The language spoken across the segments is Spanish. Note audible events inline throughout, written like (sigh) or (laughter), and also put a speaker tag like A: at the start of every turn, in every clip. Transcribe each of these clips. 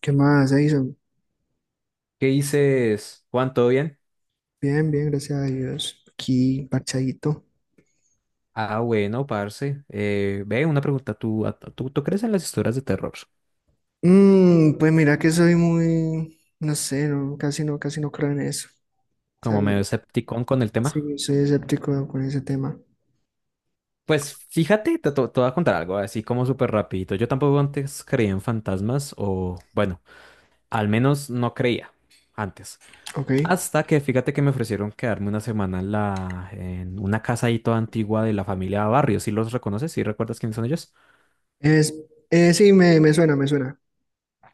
A: ¿Qué más, Edison?
B: ¿Qué dices, Juan? ¿Todo bien?
A: Bien, bien, gracias a Dios. Aquí, parchadito.
B: Ah, bueno, parce. Ve, una pregunta. ¿Tú crees en las historias de terror?
A: Pues mira que soy muy, no sé, no, casi no creo en eso. O sea,
B: Como medio escepticón con el tema.
A: sí, soy escéptico con ese tema.
B: Pues fíjate, te voy a contar algo, así como súper rapidito. Yo tampoco antes creía en fantasmas o, bueno, al menos no creía antes.
A: Ok.
B: Hasta que fíjate que me ofrecieron quedarme una semana en una casa ahí toda antigua de la familia Barrios. ¿Sí los reconoces? ¿Sí recuerdas quiénes son ellos?
A: Es, sí, me suena, me suena.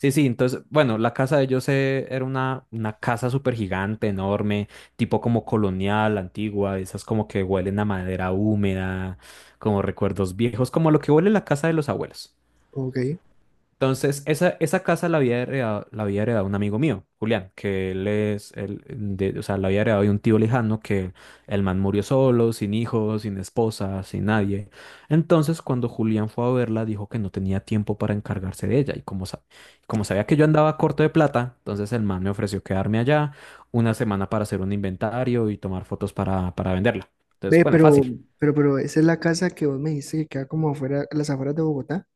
B: Sí, sí, entonces, bueno, la casa de ellos era una casa súper gigante, enorme, tipo como colonial, antigua, esas como que huelen a madera húmeda, como recuerdos viejos, como lo que huele la casa de los abuelos.
A: Ok.
B: Entonces, esa casa la había heredado un amigo mío, Julián, que él es, él, de- o sea, la había heredado de un tío lejano que el man murió solo, sin hijos, sin esposa, sin nadie. Entonces, cuando Julián fue a verla, dijo que no tenía tiempo para encargarse de ella. Y como sabía que yo andaba corto de plata, entonces el man me ofreció quedarme allá una semana para hacer un inventario y tomar fotos para venderla. Entonces,
A: Ve,
B: bueno, fácil.
A: pero ¿esa es la casa que vos me dijiste que queda como afuera, a las afueras de Bogotá?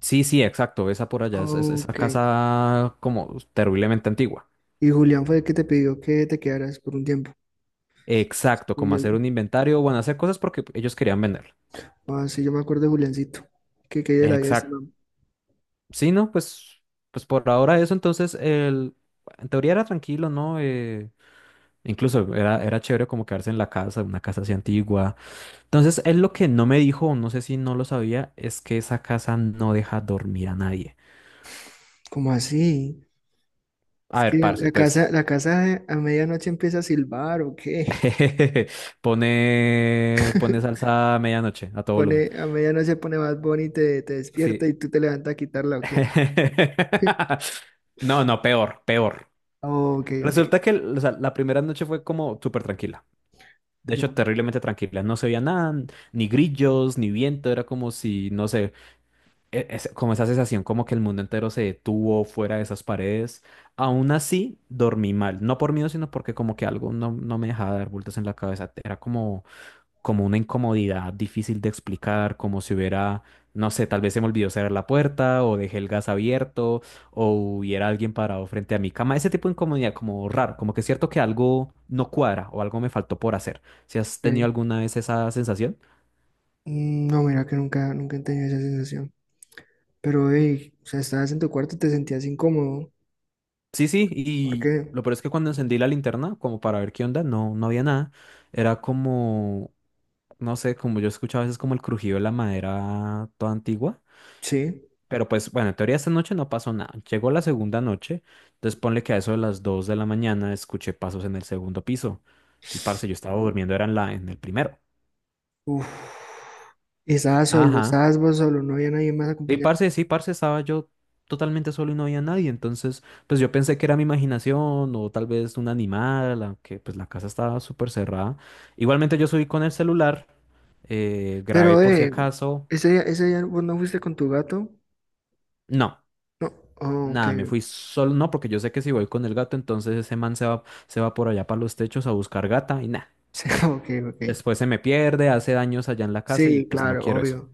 B: Sí, sí, exacto. Esa por allá esa
A: Ok.
B: casa como terriblemente antigua.
A: Y Julián fue el que te pidió que te quedaras por un tiempo.
B: Exacto,
A: Sí,
B: como
A: yo,
B: hacer un inventario, bueno, hacer cosas porque ellos querían venderlo.
A: ah, sí, yo me acuerdo de Juliancito. Que de la vida de ese
B: Exacto.
A: man.
B: Sí, ¿no? Pues, pues por ahora eso, entonces, en teoría era tranquilo, ¿no? Incluso era chévere como quedarse en la casa, una casa así antigua. Entonces, él lo que no me dijo, o no sé si no lo sabía, es que esa casa no deja dormir a nadie.
A: ¿Cómo así?
B: A
A: Es que
B: ver, parce, pues
A: la casa a medianoche empieza a silbar, ¿o qué?
B: (laughs) pone
A: (laughs)
B: salsa a medianoche, a todo volumen.
A: Pone, a medianoche pone más Bunny y te
B: Sí.
A: despierta y tú te levantas a quitarla, ¿o qué?
B: (laughs)
A: (laughs)
B: No, no, peor, peor.
A: Oh, ok, ok,
B: Resulta que o sea, la primera noche fue como súper tranquila. De
A: ya.
B: hecho, terriblemente tranquila. No se veía nada, ni grillos, ni viento. Era como si, no sé, como esa sensación como que el mundo entero se detuvo fuera de esas paredes. Aún así, dormí mal. No por miedo, sino porque como que algo no me dejaba dar vueltas en la cabeza. Era como una incomodidad difícil de explicar, como si hubiera, no sé, tal vez se me olvidó cerrar la puerta o dejé el gas abierto o hubiera alguien parado frente a mi cama. Ese tipo de incomodidad como raro, como que es cierto que algo no cuadra o algo me faltó por hacer. ¿Si has tenido
A: Ok.
B: alguna vez esa sensación?
A: No, mira que nunca, nunca he tenido esa sensación. Pero, hey, o sea, estabas en tu cuarto y te sentías incómodo.
B: Sí, sí,
A: ¿Por
B: y
A: qué?
B: lo peor es que cuando encendí la linterna, como para ver qué onda, no, no había nada. Era como, no sé, como yo escuchaba a veces como el crujido de la madera toda antigua.
A: Sí.
B: Pero pues, bueno, en teoría esta noche no pasó nada. Llegó la segunda noche, entonces ponle que a eso de las 2 de la mañana escuché pasos en el segundo piso. Y parce, yo estaba durmiendo, era en el primero.
A: Uf. Y estabas solo,
B: Ajá.
A: estabas vos solo, no había nadie más
B: Y
A: acompañado.
B: parce, sí, parce, estaba yo totalmente solo y no había nadie. Entonces, pues yo pensé que era mi imaginación o tal vez un animal, aunque pues la casa estaba súper cerrada. Igualmente yo subí con el celular, grabé
A: Pero,
B: por si acaso.
A: ese día vos no fuiste con tu gato.
B: No.
A: No, oh, ok,
B: Nada, me fui
A: (laughs)
B: solo, no, porque yo sé que si voy con el gato, entonces ese man se va por allá para los techos a buscar gata y nada.
A: sí, ok, ok.
B: Después se me pierde, hace daños allá en la casa y
A: Sí,
B: pues no
A: claro,
B: quiero eso.
A: obvio.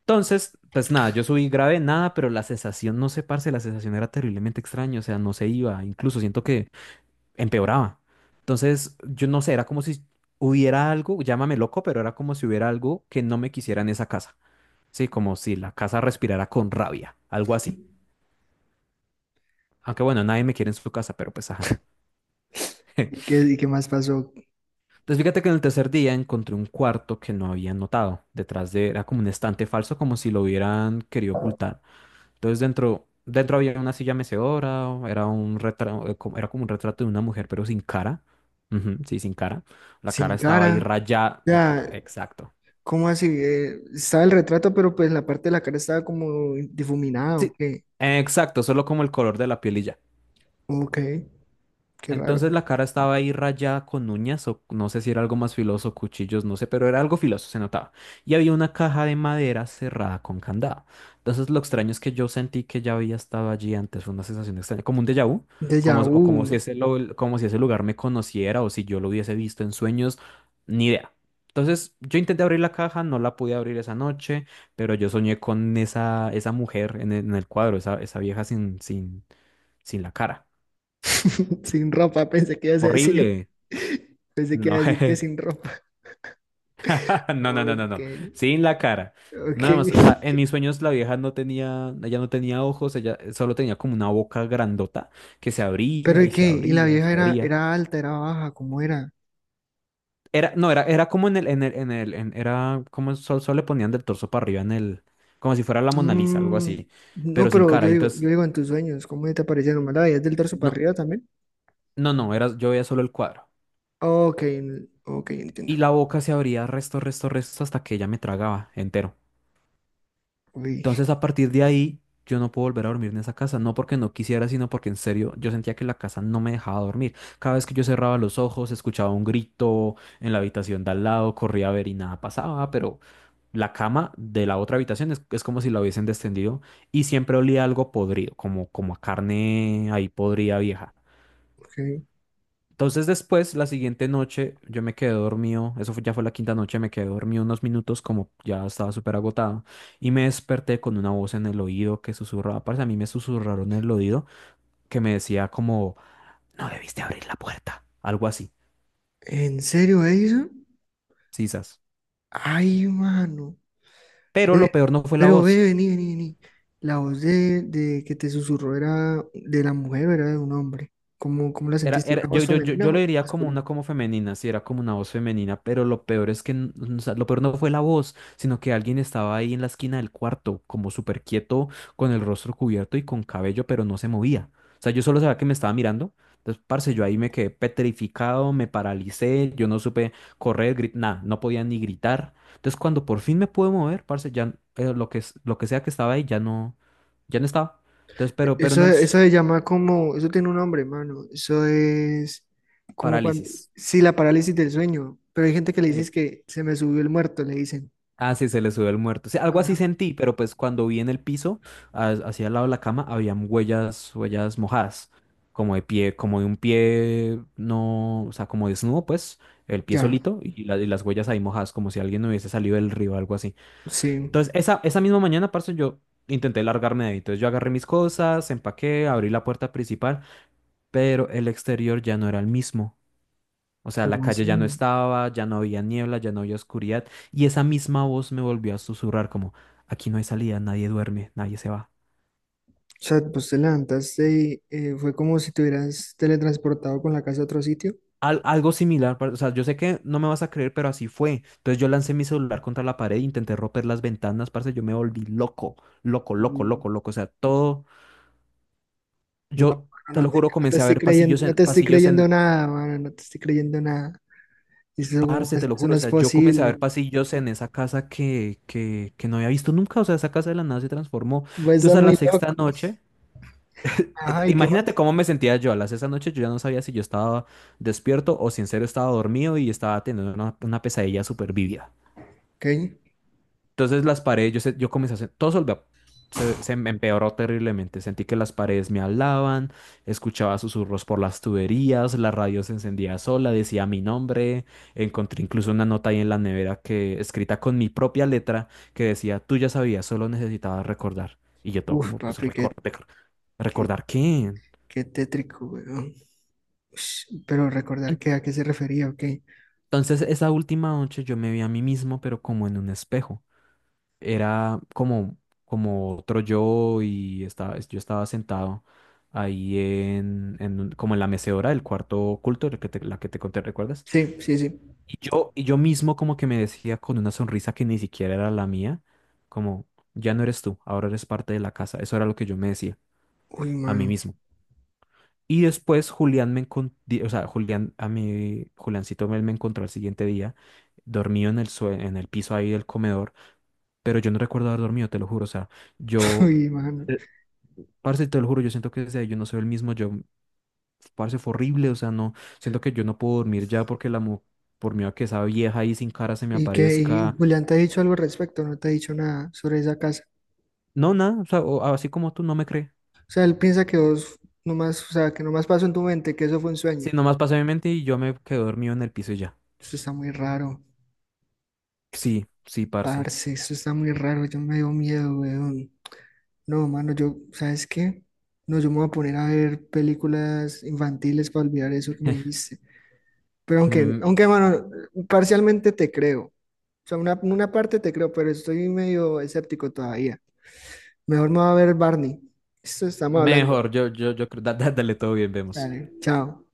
B: Entonces, pues nada, yo subí grave, nada, pero la sensación, no sé, parce, la sensación era terriblemente extraña, o sea, no se iba, incluso siento que empeoraba. Entonces, yo no sé, era como si hubiera algo, llámame loco, pero era como si hubiera algo que no me quisiera en esa casa. Sí, como si la casa respirara con rabia, algo así. Aunque bueno, nadie me quiere en su casa, pero pues ajá. (laughs)
A: Y qué más pasó?
B: Entonces fíjate que en el tercer día encontré un cuarto que no había notado. Detrás de, era como un estante falso, como si lo hubieran querido ocultar. Entonces dentro había una silla mecedora, era un retrato, era como un retrato de una mujer, pero sin cara. Ujú, sí, sin cara. La cara
A: Sin
B: estaba ahí
A: cara.
B: rayada.
A: Ya,
B: Exacto.
A: ¿cómo así? Estaba el retrato, pero pues la parte de la cara estaba como difuminada, ¿o
B: Sí,
A: qué?
B: exacto, solo como el color de la piel y ya.
A: Ok, qué raro.
B: Entonces la cara estaba ahí rayada con uñas, o no sé si era algo más filoso, cuchillos, no sé, pero era algo filoso, se notaba. Y había una caja de madera cerrada con candado. Entonces lo extraño es que yo sentí que ya había estado allí antes, fue una sensación extraña, como un déjà vu, como,
A: Déjà
B: o como
A: vu.
B: como si ese lugar me conociera o si yo lo hubiese visto en sueños, ni idea. Entonces yo intenté abrir la caja, no la pude abrir esa noche, pero yo soñé con esa mujer en el cuadro, esa vieja sin la cara.
A: (laughs) Sin ropa, pensé que ibas a decir.
B: Horrible.
A: (laughs) Pensé que ibas
B: No,
A: a decir que
B: jeje.
A: sin ropa.
B: (laughs) no, no, no, no,
A: Ok,
B: no. Sin la cara.
A: ok.
B: Nada más, o sea, en
A: (laughs)
B: mis sueños la vieja no tenía, ella no tenía ojos, ella solo tenía como una boca grandota que se
A: Pero
B: abría
A: ¿y
B: y
A: qué?
B: se
A: ¿Y la
B: abría y
A: vieja
B: se
A: era,
B: abría.
A: era alta, era baja? ¿Cómo era?
B: Era, no, era, era como era como solo le ponían del torso para arriba como si fuera la Mona Lisa, algo
A: Mm,
B: así,
A: no,
B: pero sin
A: pero
B: cara. Entonces,
A: yo digo en tus sueños, ¿cómo te aparecieron? ¿Más la veías del torso para
B: no,
A: arriba también?
B: no, era, yo veía solo el cuadro.
A: Ok, ok, entiendo.
B: Y la boca se abría resto, resto, resto hasta que ella me tragaba entero.
A: Uy,
B: Entonces, a partir de ahí, yo no puedo volver a dormir en esa casa, no porque no quisiera, sino porque en serio yo sentía que la casa no me dejaba dormir. Cada vez que yo cerraba los ojos, escuchaba un grito en la habitación de al lado, corría a ver y nada pasaba, pero la cama de la otra habitación es como si la hubiesen descendido y siempre olía algo podrido, como, como a carne ahí podrida vieja.
A: ok.
B: Entonces después, la siguiente noche, yo me quedé dormido, ya fue la quinta noche, me quedé dormido unos minutos como ya estaba súper agotado y me desperté con una voz en el oído que susurraba, parece a mí me susurraron en el oído que me decía como, no debiste abrir la puerta, algo así,
A: ¿En serio, Edison?
B: sisas.
A: Ay, mano.
B: Pero lo
A: Ve,
B: peor no fue la
A: pero ve,
B: voz.
A: vení, vení, vení. La voz de que te susurró era de la mujer, era de un hombre. ¿Cómo la
B: Era,
A: sentiste?
B: era,
A: ¿Una
B: yo,
A: voz
B: yo, yo,
A: femenina
B: yo lo
A: o
B: diría como una
A: masculina?
B: como femenina, sí, era como una voz femenina, pero lo peor es que, o sea, lo peor no fue la voz, sino que alguien estaba ahí en la esquina del cuarto, como súper quieto, con el rostro cubierto y con cabello, pero no se movía. O sea, yo solo sabía que me estaba mirando. Entonces, parce, yo ahí me quedé petrificado, me paralicé, yo no supe correr, nada, no podía ni gritar. Entonces, cuando por fin me pude mover, parce, ya lo que, lo que sea que estaba ahí ya no estaba. Entonces, pero
A: Eso, eso se llama como, eso tiene un nombre, mano. Eso es como cuando,
B: parálisis.
A: sí, la parálisis del sueño. Pero hay gente que le dice es
B: eh,
A: que se me subió el muerto, le dicen.
B: Ah, sí, se le subió el muerto. Sí, algo
A: Ajá.
B: así sentí, pero pues cuando vi en el piso, hacia el lado de la cama, habían huellas, huellas mojadas, como de pie, como de un pie, no, o sea, como desnudo, pues, el pie
A: Ya,
B: solito y las huellas ahí mojadas, como si alguien hubiese salido del río o algo así.
A: sí,
B: Entonces, esa misma mañana, parce, yo intenté largarme de ahí. Entonces, yo agarré mis cosas, empaqué, abrí la puerta principal, pero el exterior ya no era el mismo. O sea, la
A: ¿cómo
B: calle ya no
A: así?
B: estaba, ya no había niebla, ya no había oscuridad, y esa misma voz me volvió a susurrar como, aquí no hay salida, nadie duerme, nadie se va.
A: O sea, pues te levantaste y fue como si te hubieras teletransportado con la casa a otro sitio.
B: Algo similar, o sea, yo sé que no me vas a creer, pero así fue. Entonces yo lancé mi celular contra la pared, intenté romper las ventanas, parce, yo me volví loco, loco, loco,
A: Mm.
B: loco, loco. O sea, todo,
A: No,
B: yo
A: no,
B: te lo juro,
A: no te
B: comencé a
A: estoy
B: ver
A: creyendo, no te estoy
B: pasillos
A: creyendo
B: en,
A: nada, mano, no te estoy creyendo nada. Eso, como,
B: parce, te lo
A: eso
B: juro,
A: no
B: o
A: es
B: sea, yo comencé a
A: posible.
B: ver pasillos en esa casa que no había visto nunca, o sea, esa casa de la nada se transformó.
A: Va a estar
B: Entonces a la
A: muy
B: sexta
A: loco.
B: noche...
A: Ajá, ¿y qué
B: Imagínate
A: más?
B: cómo me sentía yo. A las esa noche yo ya no sabía si yo estaba despierto o si en serio estaba dormido y estaba teniendo una pesadilla súper vívida.
A: Ok.
B: Entonces las paredes, yo, yo comencé a hacer, se, se me empeoró terriblemente. Sentí que las paredes me hablaban, escuchaba susurros por las tuberías, la radio se encendía sola, decía mi nombre. Encontré incluso una nota ahí en la nevera que escrita con mi propia letra que decía, tú ya sabías, solo necesitabas recordar. Y yo todo
A: Uf,
B: como, pues
A: papi,
B: recordar,
A: qué,
B: ¿recordar qué?
A: qué tétrico, weón. Ush, pero recordar que a qué se refería, ok.
B: Entonces, esa última noche yo me vi a mí mismo, pero como en un espejo. Era como, como otro yo y estaba, yo estaba sentado ahí como en la mecedora del cuarto oculto, la que te conté, ¿recuerdas?
A: Sí, sí, sí.
B: Y yo mismo como que me decía con una sonrisa que ni siquiera era la mía, como, ya no eres tú, ahora eres parte de la casa. Eso era lo que yo me decía
A: Uy,
B: a mí
A: mano,
B: mismo. Y después Julián me encon- di- o sea, Julián, a mí, Juliancito me encontró al siguiente día, dormido en el piso ahí del comedor, pero yo no recuerdo haber dormido, te lo juro, o sea,
A: (laughs)
B: yo,
A: uy, mano.
B: eh, parce, te lo juro, yo siento que desde ahí yo no soy el mismo, yo, parce, fue horrible, o sea, no, siento que yo no puedo dormir ya porque por miedo a que esa vieja ahí sin cara se me
A: ¿Y qué? ¿Y
B: aparezca,
A: Julián te ha dicho algo al respecto? ¿No te ha dicho nada sobre esa casa?
B: no, nada, o sea, así como tú no me crees,
A: O sea, él piensa que vos nomás, o sea, que nomás pasó en tu mente, que eso fue un
B: sí,
A: sueño.
B: nomás pasé mi mente y yo me quedé dormido en el piso y ya,
A: Eso está muy raro,
B: sí, sí, parce.
A: parce, eso está muy raro, yo me dio miedo, weón. No, mano, yo, ¿sabes qué? No, yo me voy a poner a ver películas infantiles para olvidar eso que me dijiste. Pero aunque,
B: mm,
A: aunque, mano, parcialmente te creo. O sea, una parte te creo, pero estoy medio escéptico todavía. Mejor me voy a ver Barney. Esto estamos hablando.
B: Mejor, yo creo, dale todo bien, vemos.
A: Dale, chao.